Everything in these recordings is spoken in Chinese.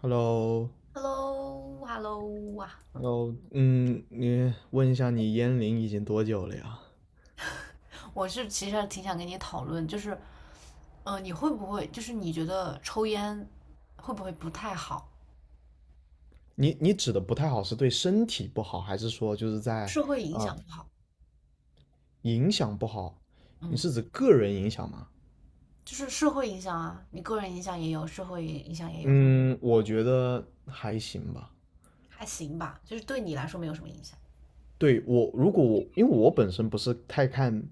Hello，Hello，Hello，Hello hello 啊！嗯，你问一下，你烟龄已经多久了呀？我是其实挺想跟你讨论，就是，你会不会就是你觉得抽烟会不会不太好？你指的不太好是对身体不好，还是说就是在社会影啊、响不好。影响不好？你嗯。是指个人影响吗？就是社会影响啊，你个人影响也有，社会影响也有。嗯，我觉得还行吧。还行吧，就是对你来说没有什么影响。对我，如果我因为我本身不是太看、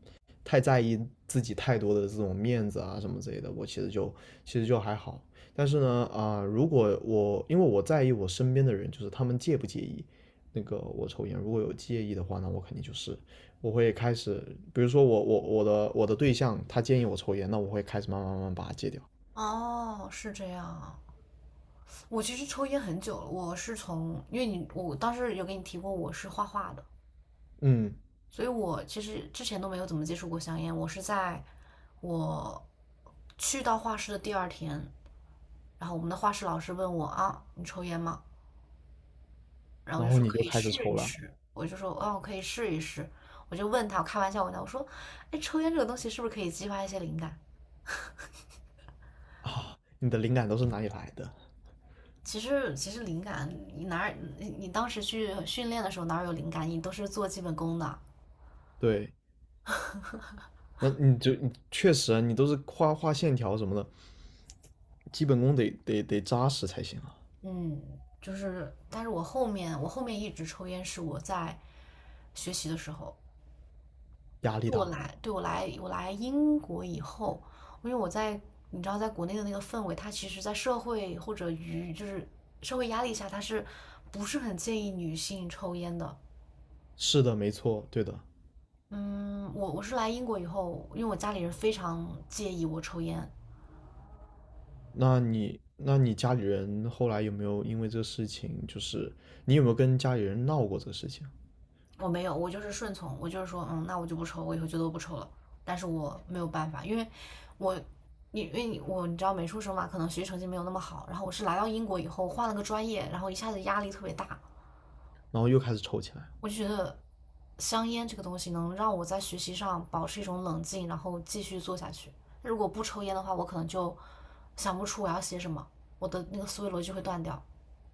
太在意自己太多的这种面子啊什么之类的，我其实就还好。但是呢，如果我因为我在意我身边的人，就是他们介不介意那个我抽烟，如果有介意的话，那我肯定就是我会开始，比如说我的对象他建议我抽烟，那我会开始慢慢慢慢把它戒掉。哦，是这样啊。我其实抽烟很久了，我是从因为你我当时有给你提过，我是画画的，嗯，所以我其实之前都没有怎么接触过香烟，我是在我去到画室的第二天，然后我们的画室老师问我啊，你抽烟吗？然后我然就后说你可就以开始试抽一了试，我就说哦，可以试一试。我就问他，我开玩笑问他，我说，哎，抽烟这个东西是不是可以激发一些灵感？啊，你的灵感都是哪里来的？其实灵感，你哪儿你你当时去训练的时候哪儿有灵感？你都是做基本功的。对，那你就你确实啊，你都是画画线条什么的，基本功得扎实才行啊，嗯，就是，但是我后面一直抽烟是我在学习的时候，压力就我大。来，对，我来英国以后，因为你知道在国内的那个氛围，它其实在社会或者舆就是社会压力下，它是不是很建议女性抽烟的？是的，没错，对的。嗯，我是来英国以后，因为我家里人非常介意我抽烟，那你家里人后来有没有因为这个事情，就是你有没有跟家里人闹过这个事情，我没有，我就是顺从，我就是说，那我就不抽，我以后就都不抽了。但是我没有办法，因为我我你知道美术生嘛，可能学习成绩没有那么好。然后我是来到英国以后换了个专业，然后一下子压力特别大。然后又开始抽起来了。我就觉得香烟这个东西能让我在学习上保持一种冷静，然后继续做下去。如果不抽烟的话，我可能就想不出我要写什么，我的那个思维逻辑会断掉。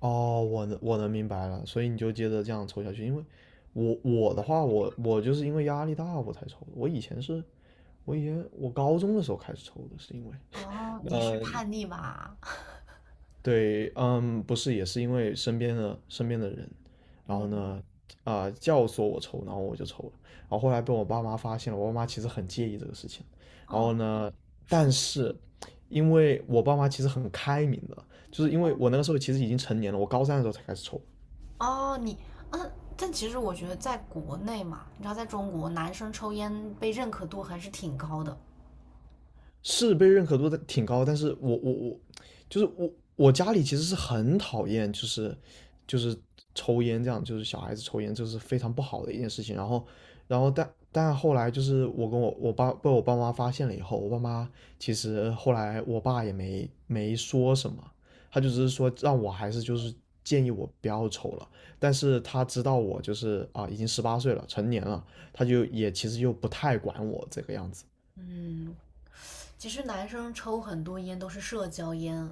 哦，我能明白了，所以你就接着这样抽下去。因为我的话，我就是因为压力大我才抽的。我以前是，我以前我高中的时候开始抽的，是因为哦，你是呃叛逆吧？对，嗯，不是，也是因为身边的人，然后嗯。呢，教唆我抽，然后我就抽了，然后后来被我爸妈发现了，我爸妈其实很介意这个事情，然哦。后呢，是吗？但是因为我爸妈其实很开明的，就是因为我那个时候其实已经成年了，我高三的时候才开始抽，哦。嗯，但其实我觉得在国内嘛，你知道，在中国男生抽烟被认可度还是挺高的。是被认可度的挺高，但是我，就是我家里其实是很讨厌，就是抽烟这样，就是小孩子抽烟，这是非常不好的一件事情。然后但后来就是我跟我爸被我爸妈发现了以后，我爸妈其实后来我爸也没说什么，他就只是说让我还是就是建议我不要抽了。但是他知道我就是已经十八岁了，成年了，他就也其实又不太管我这个样子。嗯。其实男生抽很多烟都是社交烟。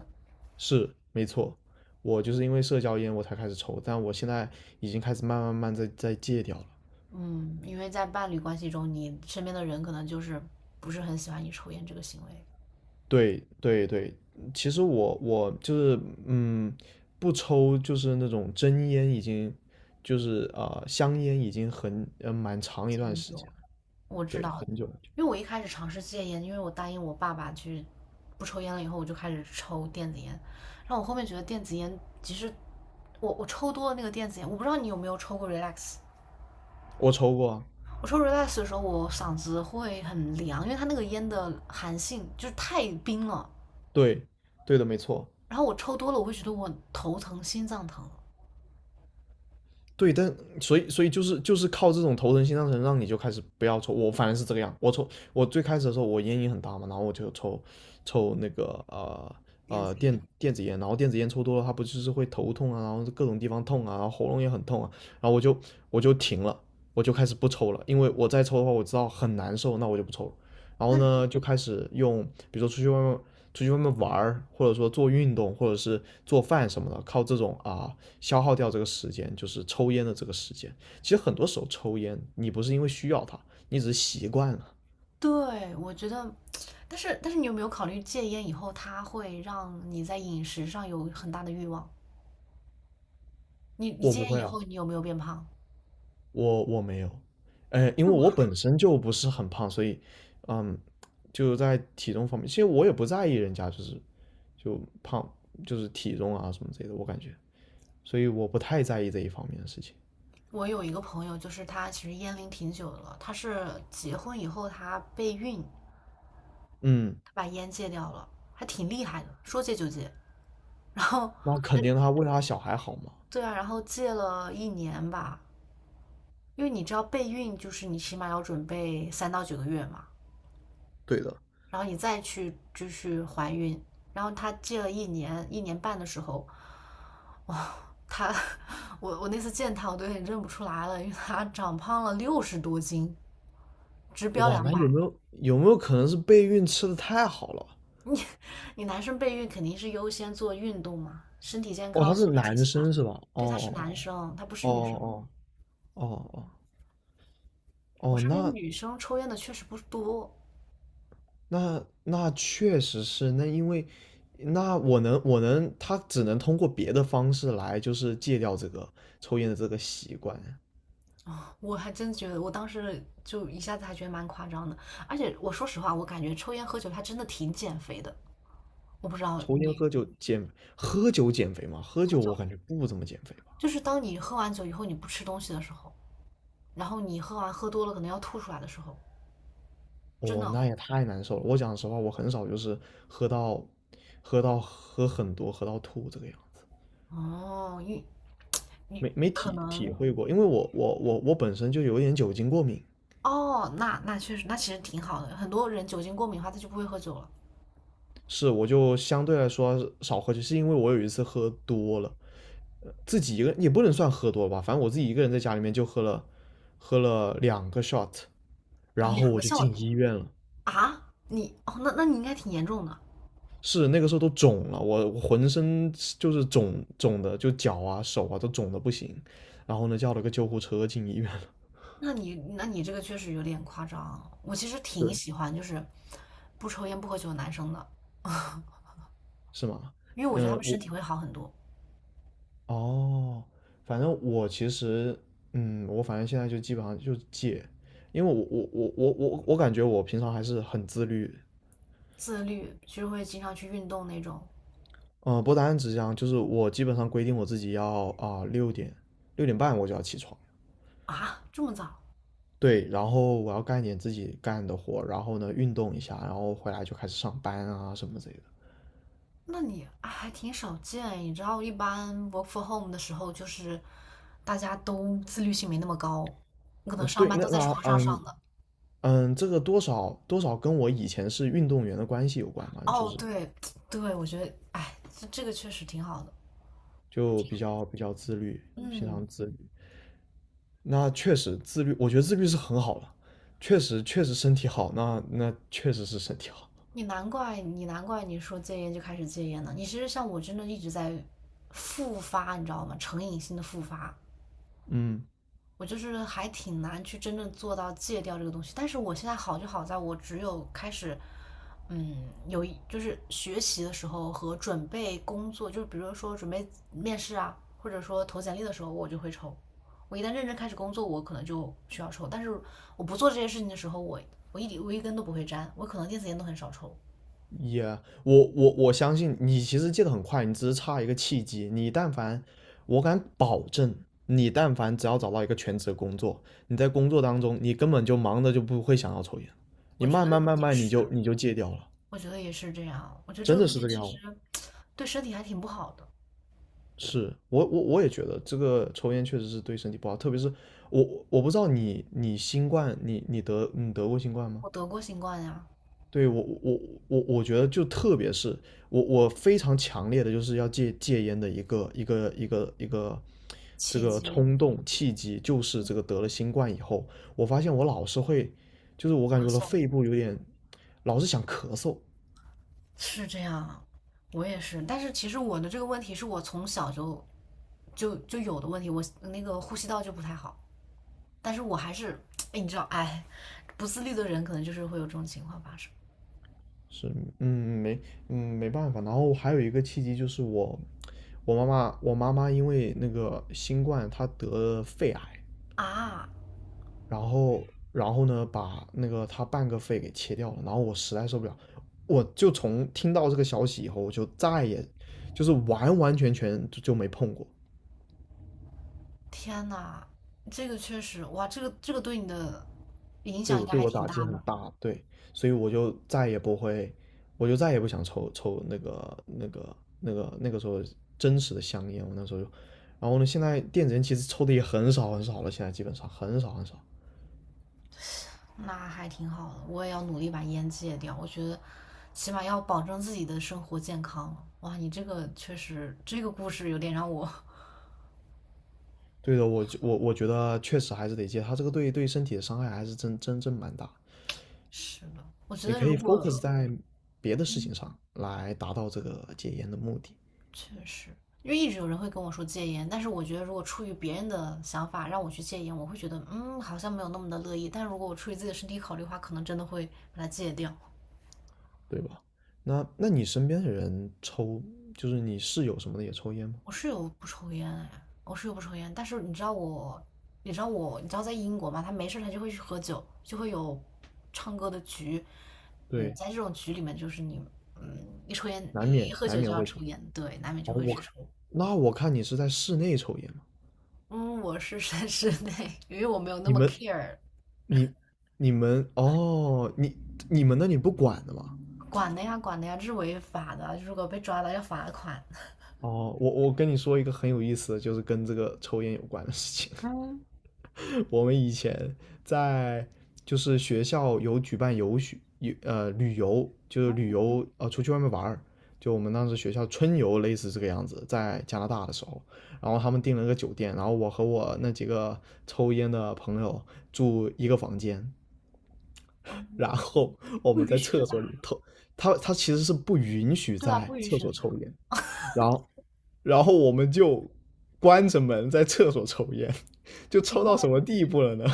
是，没错，我就是因为社交烟我才开始抽，但我现在已经开始慢慢慢慢在戒掉了。嗯，因为在伴侣关系中，你身边的人可能就是不是很喜欢你抽烟这个行为。对对对，其实我就是嗯，不抽就是那种真烟，已经就是香烟已经很蛮长一戒段很时久。间了，我知对，道。很久很久。因为我一开始尝试戒烟，因为我答应我爸爸去不抽烟了以后，我就开始抽电子烟。然后我后面觉得电子烟，其实我抽多了那个电子烟，我不知道你有没有抽过 relax。我抽过啊，我抽 relax 的时候，我嗓子会很凉，因为它那个烟的寒性就是太冰了，对对的，没错。然后我抽多了，我会觉得我头疼、心脏疼、对，但所以就是靠这种头疼心脏疼，让你就开始不要抽。我反正是这个样，我抽我最开始的时候我烟瘾很大嘛，然后我就抽那个电子电烟。电子烟，然后电子烟抽多了，它不就是会头痛啊，然后各种地方痛啊，然后喉咙也很痛啊，然后我就停了，我就开始不抽了，因为我再抽的话我知道很难受，那我就不抽了。然后那呢，就开始用，比如说出去外面玩儿，或者说做运动，或者是做饭什么的，靠这种啊。消耗掉这个时间，就是抽烟的这个时间。其实很多时候抽烟，你不是因为需要它，你只是习惯了。对，我觉得，但是你有没有考虑戒烟以后，它会让你在饮食上有很大的欲望？你我戒不烟会以啊，后，你有没有变胖？我没有，因为那么我本身就不是很胖，所以，嗯，就在体重方面，其实我也不在意人家就是就胖，就是体重啊什么之类的，我感觉，所以我不太在意这一方面的事情。我有一个朋友，就是他其实烟龄挺久的了，他是结婚以后他备孕，嗯，他把烟戒掉了，还挺厉害的，说戒就戒。然后那肯定他为他小孩好嘛。对啊，然后戒了一年吧，因为你知道备孕就是你起码要准备3到9个月嘛。对的，然后你再去继续怀孕。然后他戒了一年一年半的时候，哇，他我那次见他，我都有点认不出来了，因为他长胖了60多斤，直标哇，两那百。有没有可能是备孕吃的太好了？你你男生备孕肯定是优先做运动嘛，身体健哦，康、他是素质提男起来。生是吧？哦对，他是男哦生，他不是哦，女哦生。哦哦哦我哦，身边那女生抽烟的确实不多。那那确实是，那因为那我能，他只能通过别的方式来，就是戒掉这个抽烟的这个习惯。我还真觉得，我当时就一下子还觉得蛮夸张的。而且我说实话，我感觉抽烟喝酒还真的挺减肥的。我不知道抽烟你。喝酒减喝酒减肥嘛，喝喝酒酒我感觉不怎么减肥吧。就是当你喝完酒以后，你不吃东西的时候，然后你喝完喝多了，可能要吐出来的时候，真的。哦，那也太难受了。我讲实话，我很少就是喝到喝到喝很多喝到吐这个样子，哦，你没可体能。会过，因为我本身就有点酒精过敏。哦，那确实，那其实挺好的。很多人酒精过敏的话，他就不会喝酒了。是，我就相对来说少喝酒，是因为我有一次喝多了，自己一个也不能算喝多了吧，反正我自己一个人在家里面就喝了，喝了两个 shot，啊，然后两我个就笑进点。医院了。啊，哦，那你应该挺严重的。是那个时候都肿了，我浑身就是肿肿的，就脚啊手啊都肿的不行。然后呢，叫了个救护车进医院了。那你这个确实有点夸张。我其实挺对，喜欢就是不抽烟不喝酒的男生的，是吗？因为我觉得他嗯、们身我体会好很多。哦，反正我其实，我反正现在就基本上就戒，因为我感觉我平常还是很自律，自律，就是会经常去运动那种。嗯，不单只是这样，就是我基本上规定我自己要六点六点半我就要起床，啊，这么早。对，然后我要干一点自己干的活，然后呢运动一下，然后回来就开始上班啊什么之类的。那你啊还挺少见，你知道，一般 work f o r home 的时候，就是大家都自律性没那么高，可能嗯，上对，班那都在那床上上的。这个多少多少跟我以前是运动员的关系有关嘛，就哦，是对。对，我觉得，哎，这个确实挺好的。就比较比较自律，平嗯，常自律。那确实自律，我觉得自律是很好了，确实确实身体好，那确实是身体好。你难怪你说戒烟就开始戒烟了，你其实像我真的一直在复发，你知道吗？成瘾性的复发。嗯，我就是还挺难去真正做到戒掉这个东西。但是我现在好就好在我只有开始，嗯，就是学习的时候和准备工作，就是比如说准备面试啊，或者说投简历的时候，我就会抽。我一旦认真开始工作，我可能就需要抽。但是我不做这些事情的时候，我一点，我一根都不会沾，我可能电子烟都很少抽。也、我相信你其实戒得很快，你只是差一个契机。你但凡，我敢保证，你但凡只要找到一个全职工作，你在工作当中，你根本就忙的就不会想要抽烟，我你觉得慢慢慢也慢你就是，你就戒掉了，我觉得也是这样。我觉得这真个的东是西这个其样实 子。对身体还挺不好的。是我也觉得这个抽烟确实是对身体不好，特别是我不知道你新冠你得过新冠吗？我得过新冠呀，对我觉得就特别是我非常强烈的就是要戒烟的一个这气个急冲动契机，就是这个得了新冠以后，我发现我老是会，就是我感咳觉我的嗽。肺部有点老是想咳嗽，是这样啊，我也是。但是其实我的这个问题是我从小就有的问题，我那个呼吸道就不太好。但是我还是，哎，你知道，哎，不自律的人可能就是会有这种情况发生。是，嗯，没，没办法。然后还有一个契机就是我妈妈因为那个新冠，她得了肺癌，啊！然后呢，把那个她半个肺给切掉了。然后我实在受不了，我就从听到这个消息以后，我就再也就是完完全全就没碰过。天呐，这个确实。哇，这个对你的影对响应我该对还我挺打击大很的。大，对，所以我就再也不会，我就再也不想抽那个时候真实的香烟，我那时候就，然后呢，现在电子烟其实抽的也很少很少了，现在基本上很少很少。那还挺好的，我也要努力把烟戒掉。我觉得起码要保证自己的生活健康。哇，你这个确实，这个故事有点让我 对的，我觉得确实还是得戒，它这个对身体的伤害还是真正蛮大。是的。我觉你得可如以 果 focus 在别的事情上来达到这个戒烟的目的，确实。因为一直有人会跟我说戒烟，但是我觉得如果出于别人的想法让我去戒烟，我会觉得嗯好像没有那么的乐意。但如果我出于自己的身体考虑的话，可能真的会把它戒掉。对吧？那你身边的人抽，就是你室友什么的也抽烟吗？我室友不抽烟哎，我室友不抽烟，但是你知道我，你知道在英国嘛，他没事他就会去喝酒，就会有唱歌的局。嗯，对，在这种局里面就是你一抽烟难一免喝难酒就免要会抽。抽烟，对，难免哦，就会去抽。那我看你是在室内抽烟嘛？嗯，我是在室内，因为我没有那你么 们，care。 你你们哦，你你们那里不管的吗？管的呀，管的呀，这是违法的，如果被抓了要罚款。哦，我跟你说一个很有意思的，就是跟这个抽烟有关的事情。嗯。我们以前在就是学校有举办游学游呃旅游，就是旅游出去外面玩儿，就我们当时学校春游类似这个样子，在加拿大的时候，然后他们订了个酒店，然后我和我那几个抽烟的朋友住一个房间，啊，然后我不们允在许的厕吧？所里头，他 他其实是不允许对吧？在不允厕许的所吧？抽烟，然后然后我们就关着门在厕所抽烟，就抽警报到什么地步了呢？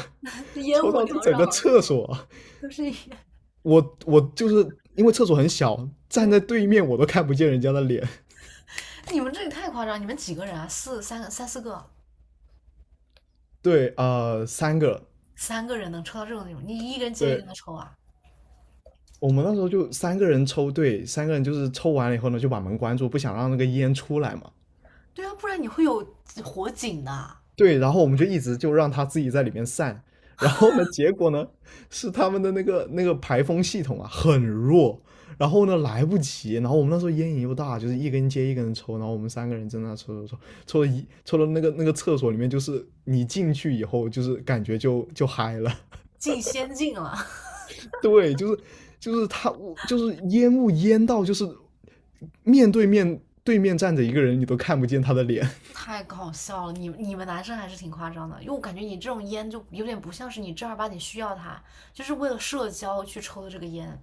烟抽雾到这缭整个绕的，厕所，都是烟。我就是因为厕所很小，站在嗯对面我都看不见人家的脸。你们这里太夸张！你们几个人啊？四三个三四个，对，三个，三个人能抽到这种地步？你一个人接一对，个的抽啊？我们那时候就三个人抽，对，三个人就是抽完了以后呢，就把门关住，不想让那个烟出来嘛。对啊，不然你会有火警的，对，然后我们就一直就让他自己在里面散，然后呢，结果呢是他们的那个排风系统啊很弱，然后呢来不及，然后我们那时候烟瘾又大，就是一根接一根的抽，然后我们三个人在那抽抽抽，抽了一抽了那个那个厕所里面，就是你进去以后就是感觉就嗨了，进仙境了。对，就是他就是烟到就是面对面站着一个人你都看不见他的脸，太搞笑了！你们男生还是挺夸张的，因为我感觉你这种烟就有点不像是你正儿八经需要它，就是为了社交去抽的这个烟。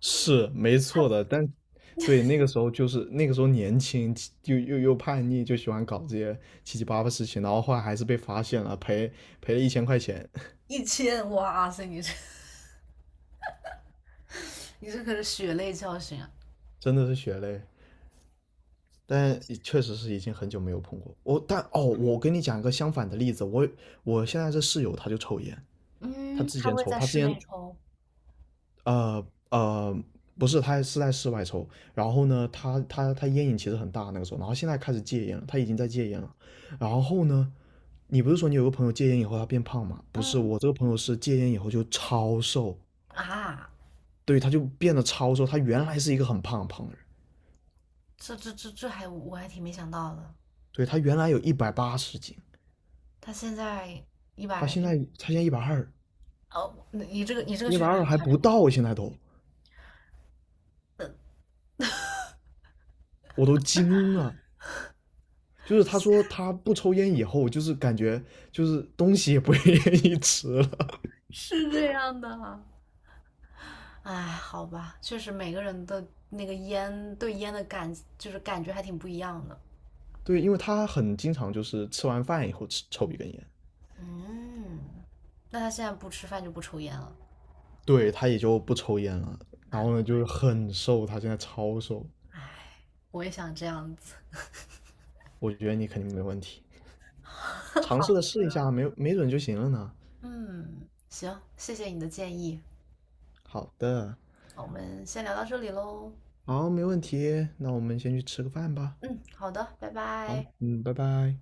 是没错的。但对，那个时候就是那个时候年轻，就又叛逆，就喜欢搞这些七七八八事情，然后后来还是被发现了，赔了1000块钱，一千，哇塞，你这可是血泪教训啊！真的是血泪。但确实是已经很久没有碰过我，但哦，我跟你讲一个相反的例子，我现在这室友他就抽烟，他嗯，之他前会抽，在他之室前内抽。呃呃不是，他是在室外抽，然后呢，他烟瘾其实很大那个时候，然后现在开始戒烟了，他已经在戒烟了。然后呢，你不是说你有个朋友戒烟以后他变胖吗？不是，嗯。我这个朋友是戒烟以后就超瘦，啊，对，他就变得超瘦。他原来是一个很胖很胖的人，这还我还挺没想到的，对，他原来有180斤，他现在一他百现在他现在一百二，哦，你这个一确百实很二还夸张。不到啊，现在都我都惊了。就是他说他不抽烟以后，就是感觉就是东西也不愿意吃了。是这样的。哎，好吧，确实每个人的那个烟对烟的感就是感觉还挺不一样的。对，因为他很经常就是吃完饭以后抽一根烟，嗯，那他现在不吃饭就不抽烟了，对，他也就不抽烟了。然难后呢，怪。就是很瘦，他现在超瘦。哎，我也想这样子。我觉得你肯定没问题。尝试好，的试一下，没准就行了呢。嗯，行，谢谢你的建议。好的，我们先聊到这里喽。好，没问题，那我们先去吃个饭吧。嗯，好的，拜好，拜。嗯，拜拜。